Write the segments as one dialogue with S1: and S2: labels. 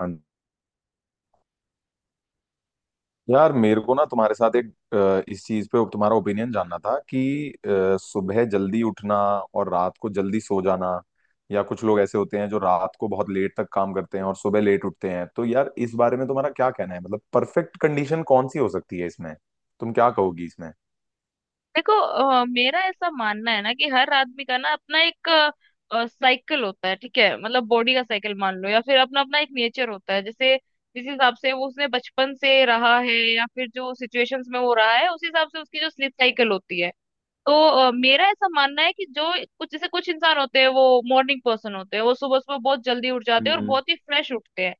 S1: हाँ। यार मेरे को ना तुम्हारे साथ एक इस चीज पे तुम्हारा ओपिनियन जानना था कि सुबह जल्दी उठना और रात को जल्दी सो जाना, या कुछ लोग ऐसे होते हैं जो रात को बहुत लेट तक काम करते हैं और सुबह लेट उठते हैं। तो यार इस बारे में तुम्हारा क्या कहना है? मतलब परफेक्ट कंडीशन कौन सी हो सकती है इसमें? तुम क्या कहोगी इसमें?
S2: देखो। मेरा ऐसा मानना है ना कि हर आदमी का ना अपना एक साइकिल होता है। ठीक है, मतलब बॉडी का साइकिल मान लो, या फिर अपना अपना एक नेचर होता है। जैसे जिस हिसाब से वो उसने बचपन से रहा है या फिर जो सिचुएशंस में वो रहा है, उस हिसाब से उसकी जो स्लीप साइकिल होती है। तो मेरा ऐसा मानना है कि जो कुछ इंसान होते हैं वो मॉर्निंग पर्सन होते हैं, वो सुबह सुबह बहुत जल्दी उठ जाते हैं और
S1: हम्म।
S2: बहुत ही फ्रेश उठते हैं।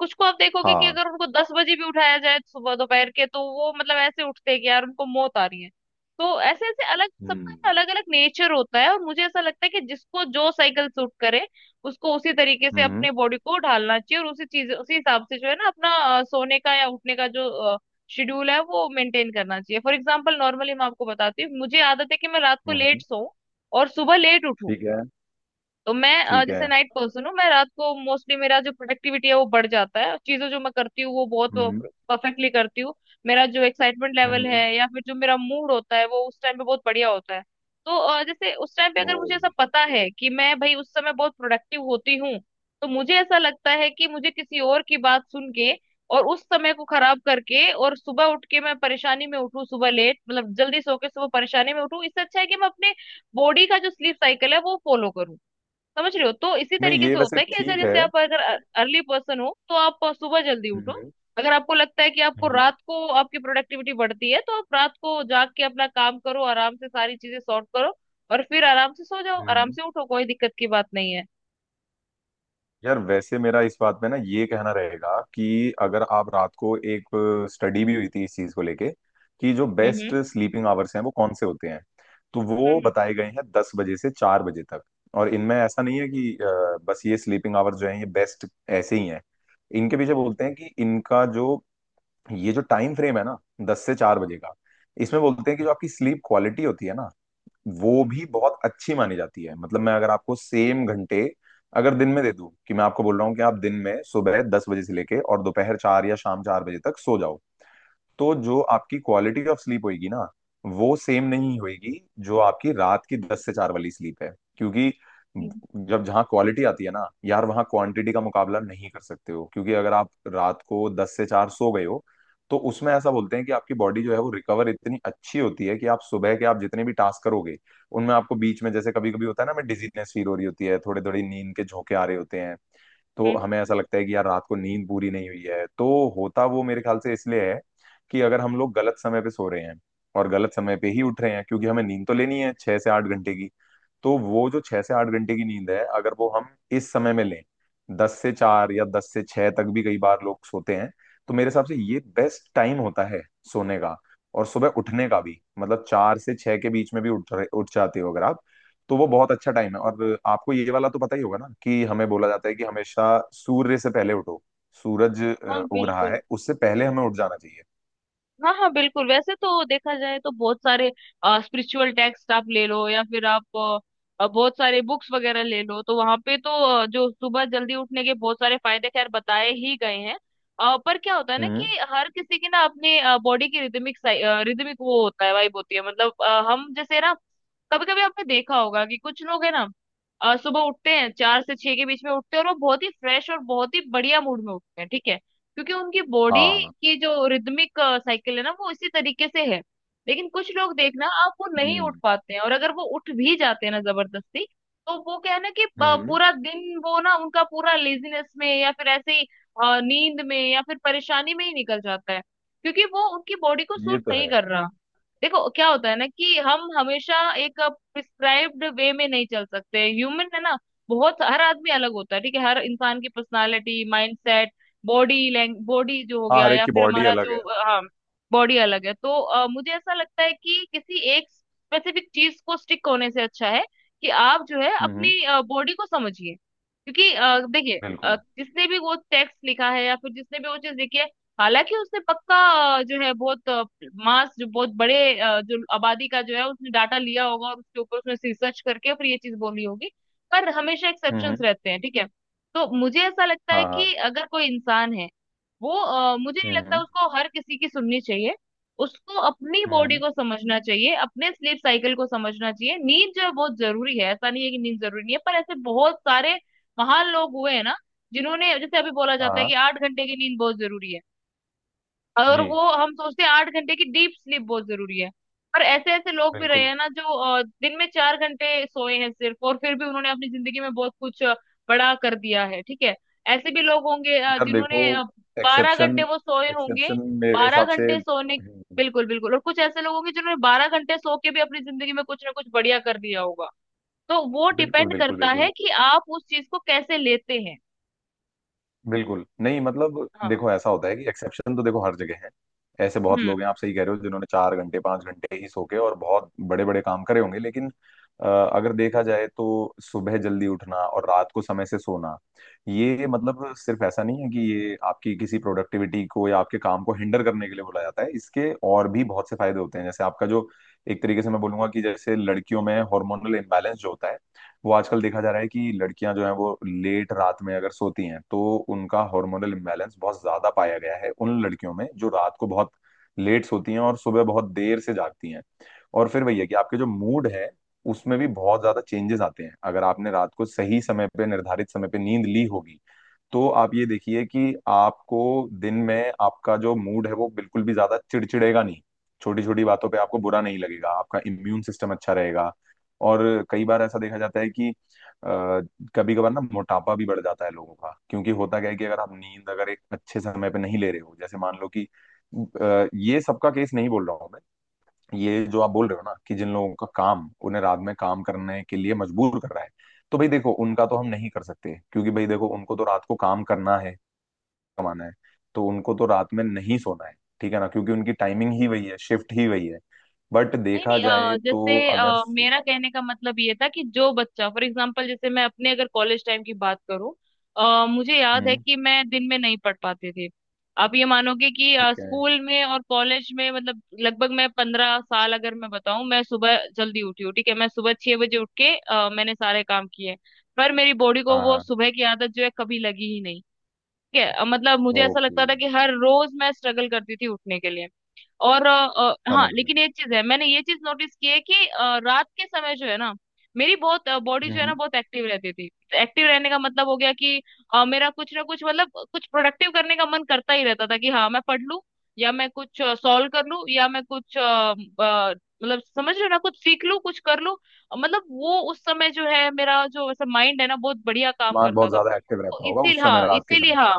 S2: कुछ को आप देखोगे कि
S1: हाँ।
S2: अगर उनको 10 बजे भी उठाया जाए सुबह दोपहर के, तो वो मतलब ऐसे उठते हैं कि यार उनको मौत आ रही है। तो ऐसे ऐसे अलग
S1: हम्म।
S2: सबका अलग अलग नेचर होता है, और मुझे ऐसा लगता है कि जिसको जो साइकिल सूट करे उसको उसी तरीके से
S1: हम्म।
S2: अपने बॉडी को ढालना चाहिए, और उसी चीज उसी हिसाब से जो है ना अपना सोने का या उठने का जो शेड्यूल है वो मेंटेन करना चाहिए। फॉर एग्जाम्पल, नॉर्मली मैं आपको बताती हूँ, मुझे आदत है कि मैं रात को लेट
S1: हम्म।
S2: सोऊं और सुबह लेट उठूं।
S1: ठीक है।
S2: तो मैं
S1: ठीक
S2: जैसे
S1: है।
S2: नाइट पर्सन हूँ। मैं रात को मोस्टली मेरा जो प्रोडक्टिविटी है वो बढ़ जाता है, चीजें जो मैं करती हूँ वो बहुत
S1: हम्म।
S2: परफेक्टली करती हूँ। मेरा जो एक्साइटमेंट लेवल है
S1: हम्म।
S2: या फिर जो मेरा मूड होता है वो उस टाइम पे बहुत बढ़िया होता है। तो जैसे उस टाइम पे
S1: ओ।
S2: अगर मुझे ऐसा पता है कि मैं भाई उस समय बहुत प्रोडक्टिव होती हूँ, तो मुझे ऐसा लगता है कि मुझे किसी और की बात सुन के और उस समय को खराब करके और सुबह उठ के मैं परेशानी में उठूं, सुबह लेट मतलब जल्दी सो के सुबह परेशानी में उठूं, इससे अच्छा है कि मैं अपने बॉडी का जो स्लीप साइकिल है वो फॉलो करूं। समझ रहे हो? तो इसी
S1: नहीं,
S2: तरीके
S1: ये
S2: से
S1: वैसे
S2: होता है कि अगर
S1: ठीक है।
S2: जैसे आप अगर अर्ली पर्सन हो तो आप सुबह जल्दी उठो।
S1: हम्म।
S2: अगर आपको लगता है कि आपको
S1: हम्म।
S2: रात को आपकी प्रोडक्टिविटी बढ़ती है, तो आप रात को जाग के अपना काम करो, आराम से सारी चीजें सॉर्ट करो और फिर आराम से सो जाओ, आराम
S1: हम्म।
S2: से उठो, कोई दिक्कत की बात नहीं है।
S1: यार वैसे मेरा इस बात पे ना ये कहना रहेगा कि अगर आप रात को एक स्टडी भी हुई थी इस चीज को लेके कि जो
S2: हम्म
S1: बेस्ट
S2: हम्म
S1: स्लीपिंग आवर्स हैं वो कौन से होते हैं, तो वो
S2: हम्म
S1: बताए गए हैं 10 बजे से 4 बजे तक। और इनमें ऐसा नहीं है कि बस ये स्लीपिंग आवर्स जो हैं ये बेस्ट ऐसे ही हैं। इनके पीछे बोलते हैं कि इनका जो ये जो टाइम फ्रेम है ना 10 से 4 बजे का, इसमें बोलते हैं कि जो आपकी स्लीप क्वालिटी होती है ना वो भी बहुत अच्छी मानी जाती है। मतलब मैं अगर आपको सेम घंटे अगर दिन में दे दूं, कि मैं आपको बोल रहा हूँ कि आप दिन में सुबह 10 बजे से लेके और दोपहर 4 या शाम 4 बजे तक सो जाओ, तो जो आपकी क्वालिटी ऑफ स्लीप होगी ना वो सेम नहीं होगी जो आपकी रात की 10 से 4 वाली स्लीप है। क्योंकि
S2: हम्म
S1: जब जहाँ क्वालिटी आती है ना यार वहाँ क्वांटिटी का मुकाबला नहीं कर सकते हो। क्योंकि अगर आप रात को 10 से 4 सो गए हो तो उसमें ऐसा बोलते हैं कि आपकी बॉडी जो है वो रिकवर इतनी अच्छी होती है कि आप सुबह के आप जितने भी टास्क करोगे उनमें आपको बीच में, जैसे कभी कभी होता है ना, हमें डिजीनेस फील हो रही होती है, थोड़े थोड़ी नींद के झोंके आ रहे होते हैं,
S2: हम्म,
S1: तो हमें
S2: हम्म।
S1: ऐसा लगता है कि यार रात को नींद पूरी नहीं हुई है। तो होता वो मेरे ख्याल से इसलिए है कि अगर हम लोग गलत समय पे सो रहे हैं और गलत समय पे ही उठ रहे हैं, क्योंकि हमें नींद तो लेनी है 6 से 8 घंटे की, तो वो जो 6 से 8 घंटे की नींद है अगर वो हम इस समय में लें, 10 से 4 या 10 से 6 तक भी कई बार लोग सोते हैं, तो मेरे हिसाब से ये बेस्ट टाइम होता है सोने का। और सुबह उठने का भी मतलब 4 से 6 के बीच में भी उठ जाते हो अगर आप, तो वो बहुत अच्छा टाइम है। और आपको ये वाला तो पता ही होगा ना कि हमें बोला जाता है कि हमेशा सूर्य से पहले उठो, सूरज
S2: हाँ,
S1: उग रहा
S2: बिल्कुल।
S1: है उससे पहले हमें उठ जाना चाहिए।
S2: हाँ हाँ, बिल्कुल। वैसे तो देखा जाए तो बहुत सारे स्पिरिचुअल टेक्स्ट आप ले लो या फिर आप बहुत सारे बुक्स वगैरह ले लो, तो वहां पे तो जो सुबह जल्दी उठने के बहुत सारे फायदे खैर बताए ही गए हैं। पर क्या होता है ना
S1: हम्म।
S2: कि हर किसी की ना अपने बॉडी की रिदमिक रिदमिक वो होता है, वाइब होती है। मतलब हम जैसे ना कभी कभी आपने देखा होगा कि कुछ लोग है ना सुबह उठते हैं, 4 से 6 के बीच में उठते हैं, और वो बहुत ही फ्रेश और बहुत ही बढ़िया मूड में उठते हैं, ठीक है? क्योंकि उनकी बॉडी
S1: हाँ।
S2: की जो रिदमिक साइकिल है ना वो इसी तरीके से है। लेकिन कुछ लोग देखना आप वो नहीं उठ
S1: हम्म।
S2: पाते हैं, और अगर वो उठ भी जाते हैं ना जबरदस्ती, तो वो क्या है ना कि
S1: हम्म।
S2: पूरा दिन वो ना उनका पूरा लेजीनेस में या फिर ऐसे ही नींद में या फिर परेशानी में ही निकल जाता है, क्योंकि वो उनकी बॉडी को
S1: ये
S2: सूट
S1: तो
S2: नहीं
S1: है।
S2: कर रहा। देखो क्या होता है ना कि हम हमेशा एक प्रिस्क्राइब्ड वे में नहीं चल सकते, ह्यूमन है ना। बहुत हर आदमी अलग होता है, ठीक है? हर इंसान की पर्सनालिटी, माइंडसेट, बॉडी जो हो
S1: हाँ,
S2: गया,
S1: हर एक
S2: या
S1: की
S2: फिर
S1: बॉडी
S2: हमारा
S1: अलग
S2: जो
S1: है, हाँ।
S2: हाँ, बॉडी अलग है। तो मुझे ऐसा लगता है कि किसी एक स्पेसिफिक चीज को स्टिक होने से अच्छा है कि आप जो है
S1: हम्म।
S2: अपनी बॉडी को समझिए। क्योंकि देखिए
S1: बिल्कुल।
S2: जिसने भी वो टेक्स्ट लिखा है या फिर जिसने भी वो चीज लिखी है, हालांकि उसने पक्का जो है बहुत मास, जो बहुत बड़े जो आबादी का जो है, उसने डाटा लिया होगा और उसके ऊपर उसने रिसर्च करके फिर ये चीज बोली होगी, पर हमेशा एक्सेप्शंस
S1: हम्म।
S2: रहते हैं, ठीक है? तो मुझे ऐसा लगता है
S1: हाँ हाँ।
S2: कि अगर कोई इंसान है, वो मुझे नहीं लगता
S1: हम्म।
S2: उसको हर किसी की सुननी चाहिए। उसको अपनी बॉडी
S1: हम्म।
S2: को समझना चाहिए, अपने स्लीप साइकिल को समझना चाहिए। नींद जो है बहुत जरूरी है, ऐसा नहीं है कि नींद जरूरी नहीं है, पर ऐसे बहुत सारे महान लोग हुए हैं ना, जिन्होंने, जैसे अभी बोला जाता है
S1: हाँ
S2: कि 8 घंटे की नींद बहुत जरूरी है, और
S1: जी।
S2: वो हम सोचते हैं 8 घंटे की डीप स्लीप बहुत जरूरी है, पर ऐसे ऐसे लोग भी रहे
S1: बिल्कुल।
S2: हैं ना जो दिन में 4 घंटे सोए हैं सिर्फ, और फिर भी उन्होंने अपनी जिंदगी में बहुत कुछ बड़ा कर दिया है, ठीक है? ऐसे भी लोग होंगे
S1: यार देखो
S2: जिन्होंने 12 घंटे
S1: एक्सेप्शन,
S2: वो सोए होंगे।
S1: एक्सेप्शन मेरे
S2: बारह
S1: हिसाब से,
S2: घंटे सोने बिल्कुल, बिल्कुल। और कुछ ऐसे लोग होंगे जिन्होंने 12 घंटे सो के भी अपनी जिंदगी में कुछ ना कुछ बढ़िया कर दिया होगा। तो वो
S1: बिल्कुल
S2: डिपेंड
S1: बिल्कुल
S2: करता
S1: बिल्कुल।
S2: है कि आप उस चीज को कैसे लेते हैं।
S1: बिल्कुल नहीं, मतलब
S2: हाँ।
S1: देखो, ऐसा होता है कि एक्सेप्शन तो देखो हर जगह है। ऐसे बहुत
S2: हम्म।
S1: लोग हैं, आप सही कह रहे हो, जिन्होंने 4 घंटे 5 घंटे ही सो के और बहुत बड़े बड़े काम करे होंगे। लेकिन अगर देखा जाए तो सुबह जल्दी उठना और रात को समय से सोना, ये मतलब सिर्फ ऐसा नहीं है कि ये आपकी किसी प्रोडक्टिविटी को या आपके काम को हिंडर करने के लिए बोला जाता है। इसके और भी बहुत से फायदे होते हैं। जैसे आपका जो एक तरीके से मैं बोलूंगा कि जैसे लड़कियों में हार्मोनल इम्बैलेंस जो होता है वो आजकल देखा जा रहा है कि लड़कियां जो हैं वो लेट रात में अगर सोती हैं तो उनका हार्मोनल इम्बैलेंस बहुत ज्यादा पाया गया है उन लड़कियों में जो रात को बहुत लेट सोती हैं और सुबह बहुत देर से जागती हैं। और फिर वही है कि आपके जो मूड है उसमें भी बहुत ज्यादा चेंजेस आते हैं। अगर आपने रात को सही समय पे निर्धारित समय पे नींद ली होगी तो आप ये देखिए कि आपको दिन में आपका जो मूड है वो बिल्कुल भी ज्यादा चिड़चिड़ेगा नहीं। छोटी छोटी बातों पे आपको बुरा नहीं लगेगा। आपका इम्यून सिस्टम अच्छा रहेगा। और कई बार ऐसा देखा जाता है कि कभी कभार ना मोटापा भी बढ़ जाता है लोगों का। क्योंकि होता क्या है कि अगर आप नींद अगर एक अच्छे समय पे नहीं ले रहे हो, जैसे मान लो कि ये सबका केस नहीं बोल रहा हूँ मैं। ये जो आप बोल रहे हो ना कि जिन लोगों का काम उन्हें रात में काम करने के लिए मजबूर कर रहा है, तो भाई देखो उनका तो हम नहीं कर सकते, क्योंकि भाई देखो उनको तो रात को काम करना है, कमाना है, तो उनको तो रात में नहीं सोना है। ठीक है ना? क्योंकि उनकी टाइमिंग ही वही है, शिफ्ट ही वही है। बट देखा जाए तो
S2: जैसे
S1: अगर।
S2: मेरा कहने का मतलब ये था कि जो बच्चा, फॉर एग्जांपल जैसे मैं अपने अगर कॉलेज टाइम की बात करूं, मुझे याद है
S1: हम्म।
S2: कि मैं दिन में नहीं पढ़ पाती थी। आप ये मानोगे कि
S1: ठीक है।
S2: स्कूल में और कॉलेज में मतलब लगभग मैं 15 साल अगर मैं बताऊं, मैं सुबह जल्दी उठी हूँ, ठीक है? मैं सुबह 6 बजे उठ के मैंने सारे काम किए, पर मेरी बॉडी को
S1: हाँ
S2: वो
S1: हाँ।
S2: सुबह की आदत जो है कभी लगी ही नहीं, ठीक है? मतलब मुझे ऐसा
S1: ओके
S2: लगता था कि हर रोज मैं स्ट्रगल करती थी उठने के लिए, और हाँ,
S1: समझ गया।
S2: लेकिन एक चीज है, मैंने ये चीज नोटिस की है कि रात के समय जो है ना मेरी बहुत बॉडी जो है
S1: हम्म।
S2: ना बहुत एक्टिव रहती थी। एक्टिव रहने का मतलब हो गया कि मेरा कुछ ना कुछ मतलब कुछ प्रोडक्टिव करने का मन करता ही रहता था कि हाँ मैं पढ़ लूं, या मैं कुछ सॉल्व कर लूं, या मैं कुछ मतलब समझ रहे हो ना, कुछ सीख लूं कुछ कर लूं। मतलब वो उस समय जो है मेरा जो वैसे माइंड है ना बहुत बढ़िया काम
S1: दिमाग
S2: करता
S1: बहुत
S2: था।
S1: ज्यादा एक्टिव
S2: तो
S1: रहता होगा
S2: इसीलिए,
S1: उस समय,
S2: हाँ,
S1: रात के
S2: इसीलिए,
S1: समय पे।
S2: हाँ।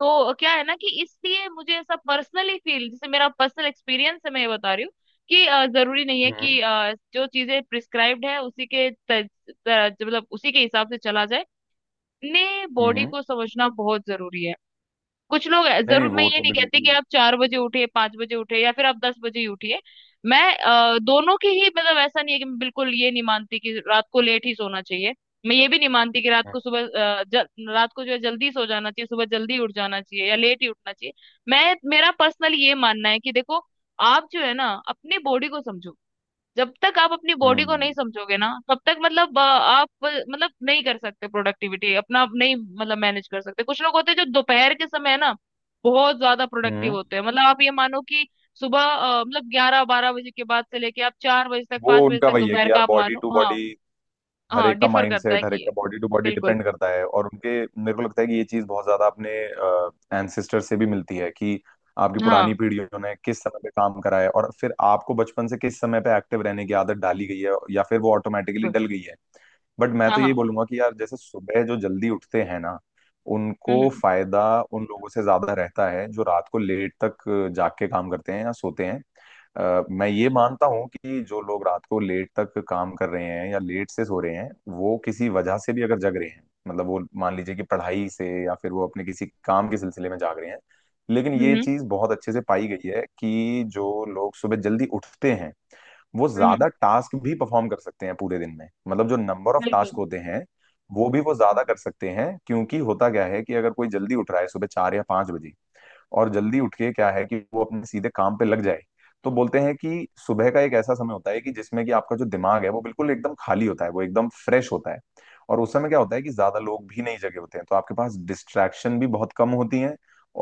S2: तो क्या है ना कि इसलिए मुझे ऐसा पर्सनली फील, जैसे मेरा पर्सनल एक्सपीरियंस है मैं ये बता रही हूँ, कि जरूरी नहीं है
S1: हम्म।
S2: कि जो चीजें प्रिस्क्राइब्ड है उसी के मतलब उसी के हिसाब से चला जाए। अपने बॉडी
S1: हम्म।
S2: को समझना बहुत जरूरी है।
S1: नहीं नहीं,
S2: जरूर, मैं
S1: वो
S2: ये
S1: तो
S2: नहीं कहती
S1: बिल्कुल।
S2: कि आप 4 बजे उठिए, 5 बजे उठिए, या फिर आप 10 बजे ही उठिए। मैं दोनों की ही मतलब ऐसा नहीं है कि मैं बिल्कुल, ये नहीं मानती कि रात को लेट ही सोना चाहिए, मैं ये भी नहीं मानती कि रात को सुबह अ, जल, रात को जो है जल्दी सो जाना चाहिए सुबह जल्दी उठ जाना चाहिए या लेट ही उठना चाहिए। मैं, मेरा पर्सनल ये मानना है कि देखो, आप जो है ना अपनी बॉडी को समझो। जब तक आप अपनी बॉडी को
S1: हम्म।
S2: नहीं समझोगे ना तब तक मतलब आप मतलब नहीं कर सकते प्रोडक्टिविटी अपना आप नहीं मतलब मैनेज कर सकते। कुछ लोग होते हैं जो दोपहर के समय ना बहुत ज्यादा प्रोडक्टिव
S1: हम्म।
S2: होते हैं। मतलब आप ये मानो कि सुबह मतलब 11 12 बजे के बाद से लेके आप 4 बजे तक, पांच
S1: वो
S2: बजे
S1: उनका
S2: तक,
S1: वही है
S2: दोपहर
S1: कि
S2: का
S1: यार
S2: आप
S1: बॉडी
S2: मानो।
S1: टू
S2: हाँ,
S1: बॉडी, हर
S2: हाँ,
S1: एक का
S2: डिफर
S1: माइंड
S2: करता है
S1: सेट, हर एक का
S2: कि
S1: बॉडी टू बॉडी
S2: बिल्कुल।
S1: डिपेंड करता है। और उनके मेरे को लगता है कि ये चीज बहुत ज्यादा अपने एंसेस्टर से भी मिलती है कि आपकी पुरानी
S2: हाँ,
S1: पीढ़ियों ने किस समय पे काम करा है और फिर आपको बचपन से किस समय पे एक्टिव रहने की आदत डाली गई है या फिर वो ऑटोमेटिकली
S2: बिल्कुल।
S1: डल गई है। बट मैं
S2: हाँ,
S1: तो यही
S2: हाँ।
S1: बोलूंगा कि यार जैसे सुबह जो जल्दी उठते हैं ना उनको
S2: हम्म
S1: फायदा उन लोगों से ज्यादा रहता है जो रात को लेट तक जाग के काम करते हैं या सोते हैं। मैं ये मानता हूँ कि जो लोग रात को लेट तक काम कर रहे हैं या लेट से सो रहे हैं, वो किसी वजह से भी अगर जग रहे हैं, मतलब वो मान लीजिए कि पढ़ाई से या फिर वो अपने किसी काम के सिलसिले में जाग रहे हैं। लेकिन
S2: हम्म
S1: ये
S2: हम्म
S1: चीज बहुत अच्छे से पाई गई है कि जो लोग सुबह जल्दी उठते हैं वो
S2: हम्म,
S1: ज्यादा टास्क भी परफॉर्म कर सकते हैं पूरे दिन में, मतलब जो नंबर ऑफ टास्क
S2: बिल्कुल।
S1: होते हैं वो भी वो ज्यादा
S2: हम्म,
S1: कर सकते हैं। क्योंकि होता क्या है कि अगर कोई जल्दी उठ रहा है सुबह 4 या 5 बजे, और जल्दी उठ के क्या है कि वो अपने सीधे काम पे लग जाए, तो बोलते हैं कि सुबह का एक ऐसा समय होता है कि जिसमें कि आपका जो दिमाग है वो बिल्कुल एकदम खाली होता है, वो एकदम फ्रेश होता है। और उस समय क्या होता है कि ज्यादा लोग भी नहीं जगे होते हैं, तो आपके पास डिस्ट्रैक्शन भी बहुत कम होती है,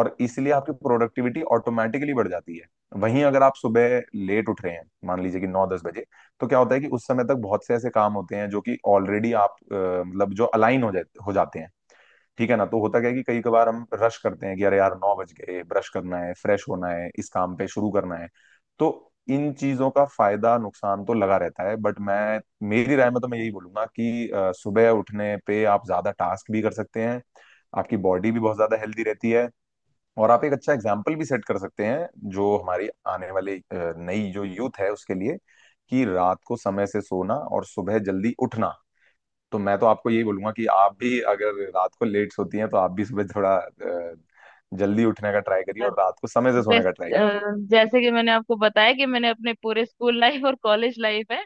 S1: और इसलिए आपकी प्रोडक्टिविटी ऑटोमेटिकली बढ़ जाती है। वहीं अगर आप सुबह लेट उठ रहे हैं, मान लीजिए कि 9 10 बजे, तो क्या होता है कि उस समय तक बहुत से ऐसे काम होते हैं जो कि ऑलरेडी आप मतलब जो अलाइन हो जाते हैं। ठीक है ना? तो होता क्या है कि कई कबार हम रश करते हैं कि अरे यार 9 बज गए, ब्रश करना है, फ्रेश होना है, इस काम पे शुरू करना है। तो इन चीजों का फायदा नुकसान तो लगा रहता है। बट मैं मेरी राय में तो मैं यही बोलूंगा कि सुबह उठने पे आप ज्यादा टास्क भी कर सकते हैं, आपकी बॉडी भी बहुत ज्यादा हेल्दी रहती है, और आप एक अच्छा एग्जाम्पल भी सेट कर सकते हैं जो हमारी आने वाली नई जो यूथ है उसके लिए, कि रात को समय से सोना और सुबह जल्दी उठना। तो मैं तो आपको यही बोलूंगा कि आप भी अगर रात को लेट सोती हैं तो आप भी सुबह थोड़ा जल्दी उठने का ट्राई करिए और रात को समय से
S2: बस।
S1: सोने का ट्राई
S2: अ,
S1: कीजिए।
S2: जैसे कि मैंने आपको बताया कि मैंने अपने पूरे स्कूल लाइफ और कॉलेज लाइफ में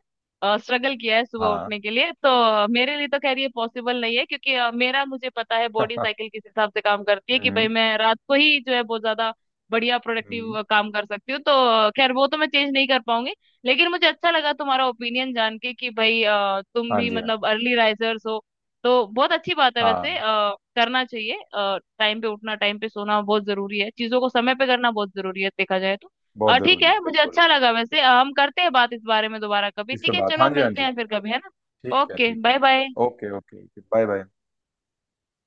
S2: स्ट्रगल किया है सुबह
S1: हाँ।
S2: उठने के लिए, तो मेरे लिए तो खैर ये पॉसिबल नहीं है, क्योंकि मेरा, मुझे पता है बॉडी साइकिल किस हिसाब से काम करती है, कि
S1: हम्म।
S2: भाई मैं रात को ही जो है बहुत ज्यादा बढ़िया
S1: हम्म।
S2: प्रोडक्टिव काम कर सकती हूँ। तो खैर वो तो मैं चेंज नहीं कर पाऊंगी। लेकिन मुझे अच्छा लगा तुम्हारा ओपिनियन जान के कि भाई तुम
S1: हाँ
S2: भी
S1: जी हाँ जी।
S2: मतलब अर्ली राइजर्स हो, तो बहुत अच्छी बात है
S1: हाँ।
S2: वैसे। करना चाहिए। टाइम पे उठना, टाइम पे सोना बहुत जरूरी है। चीजों को समय पे करना बहुत जरूरी है देखा जाए तो।
S1: बहुत
S2: ठीक
S1: जरूरी है
S2: है, मुझे
S1: बिल्कुल।
S2: अच्छा लगा वैसे। हम करते हैं बात इस बारे में दोबारा कभी,
S1: इस पे
S2: ठीक है?
S1: बात हाँ
S2: चलो,
S1: जी हाँ
S2: मिलते
S1: जी।
S2: हैं फिर कभी, है ना?
S1: ठीक है
S2: ओके,
S1: ठीक है।
S2: Bye bye.
S1: Okay okay okay bye bye.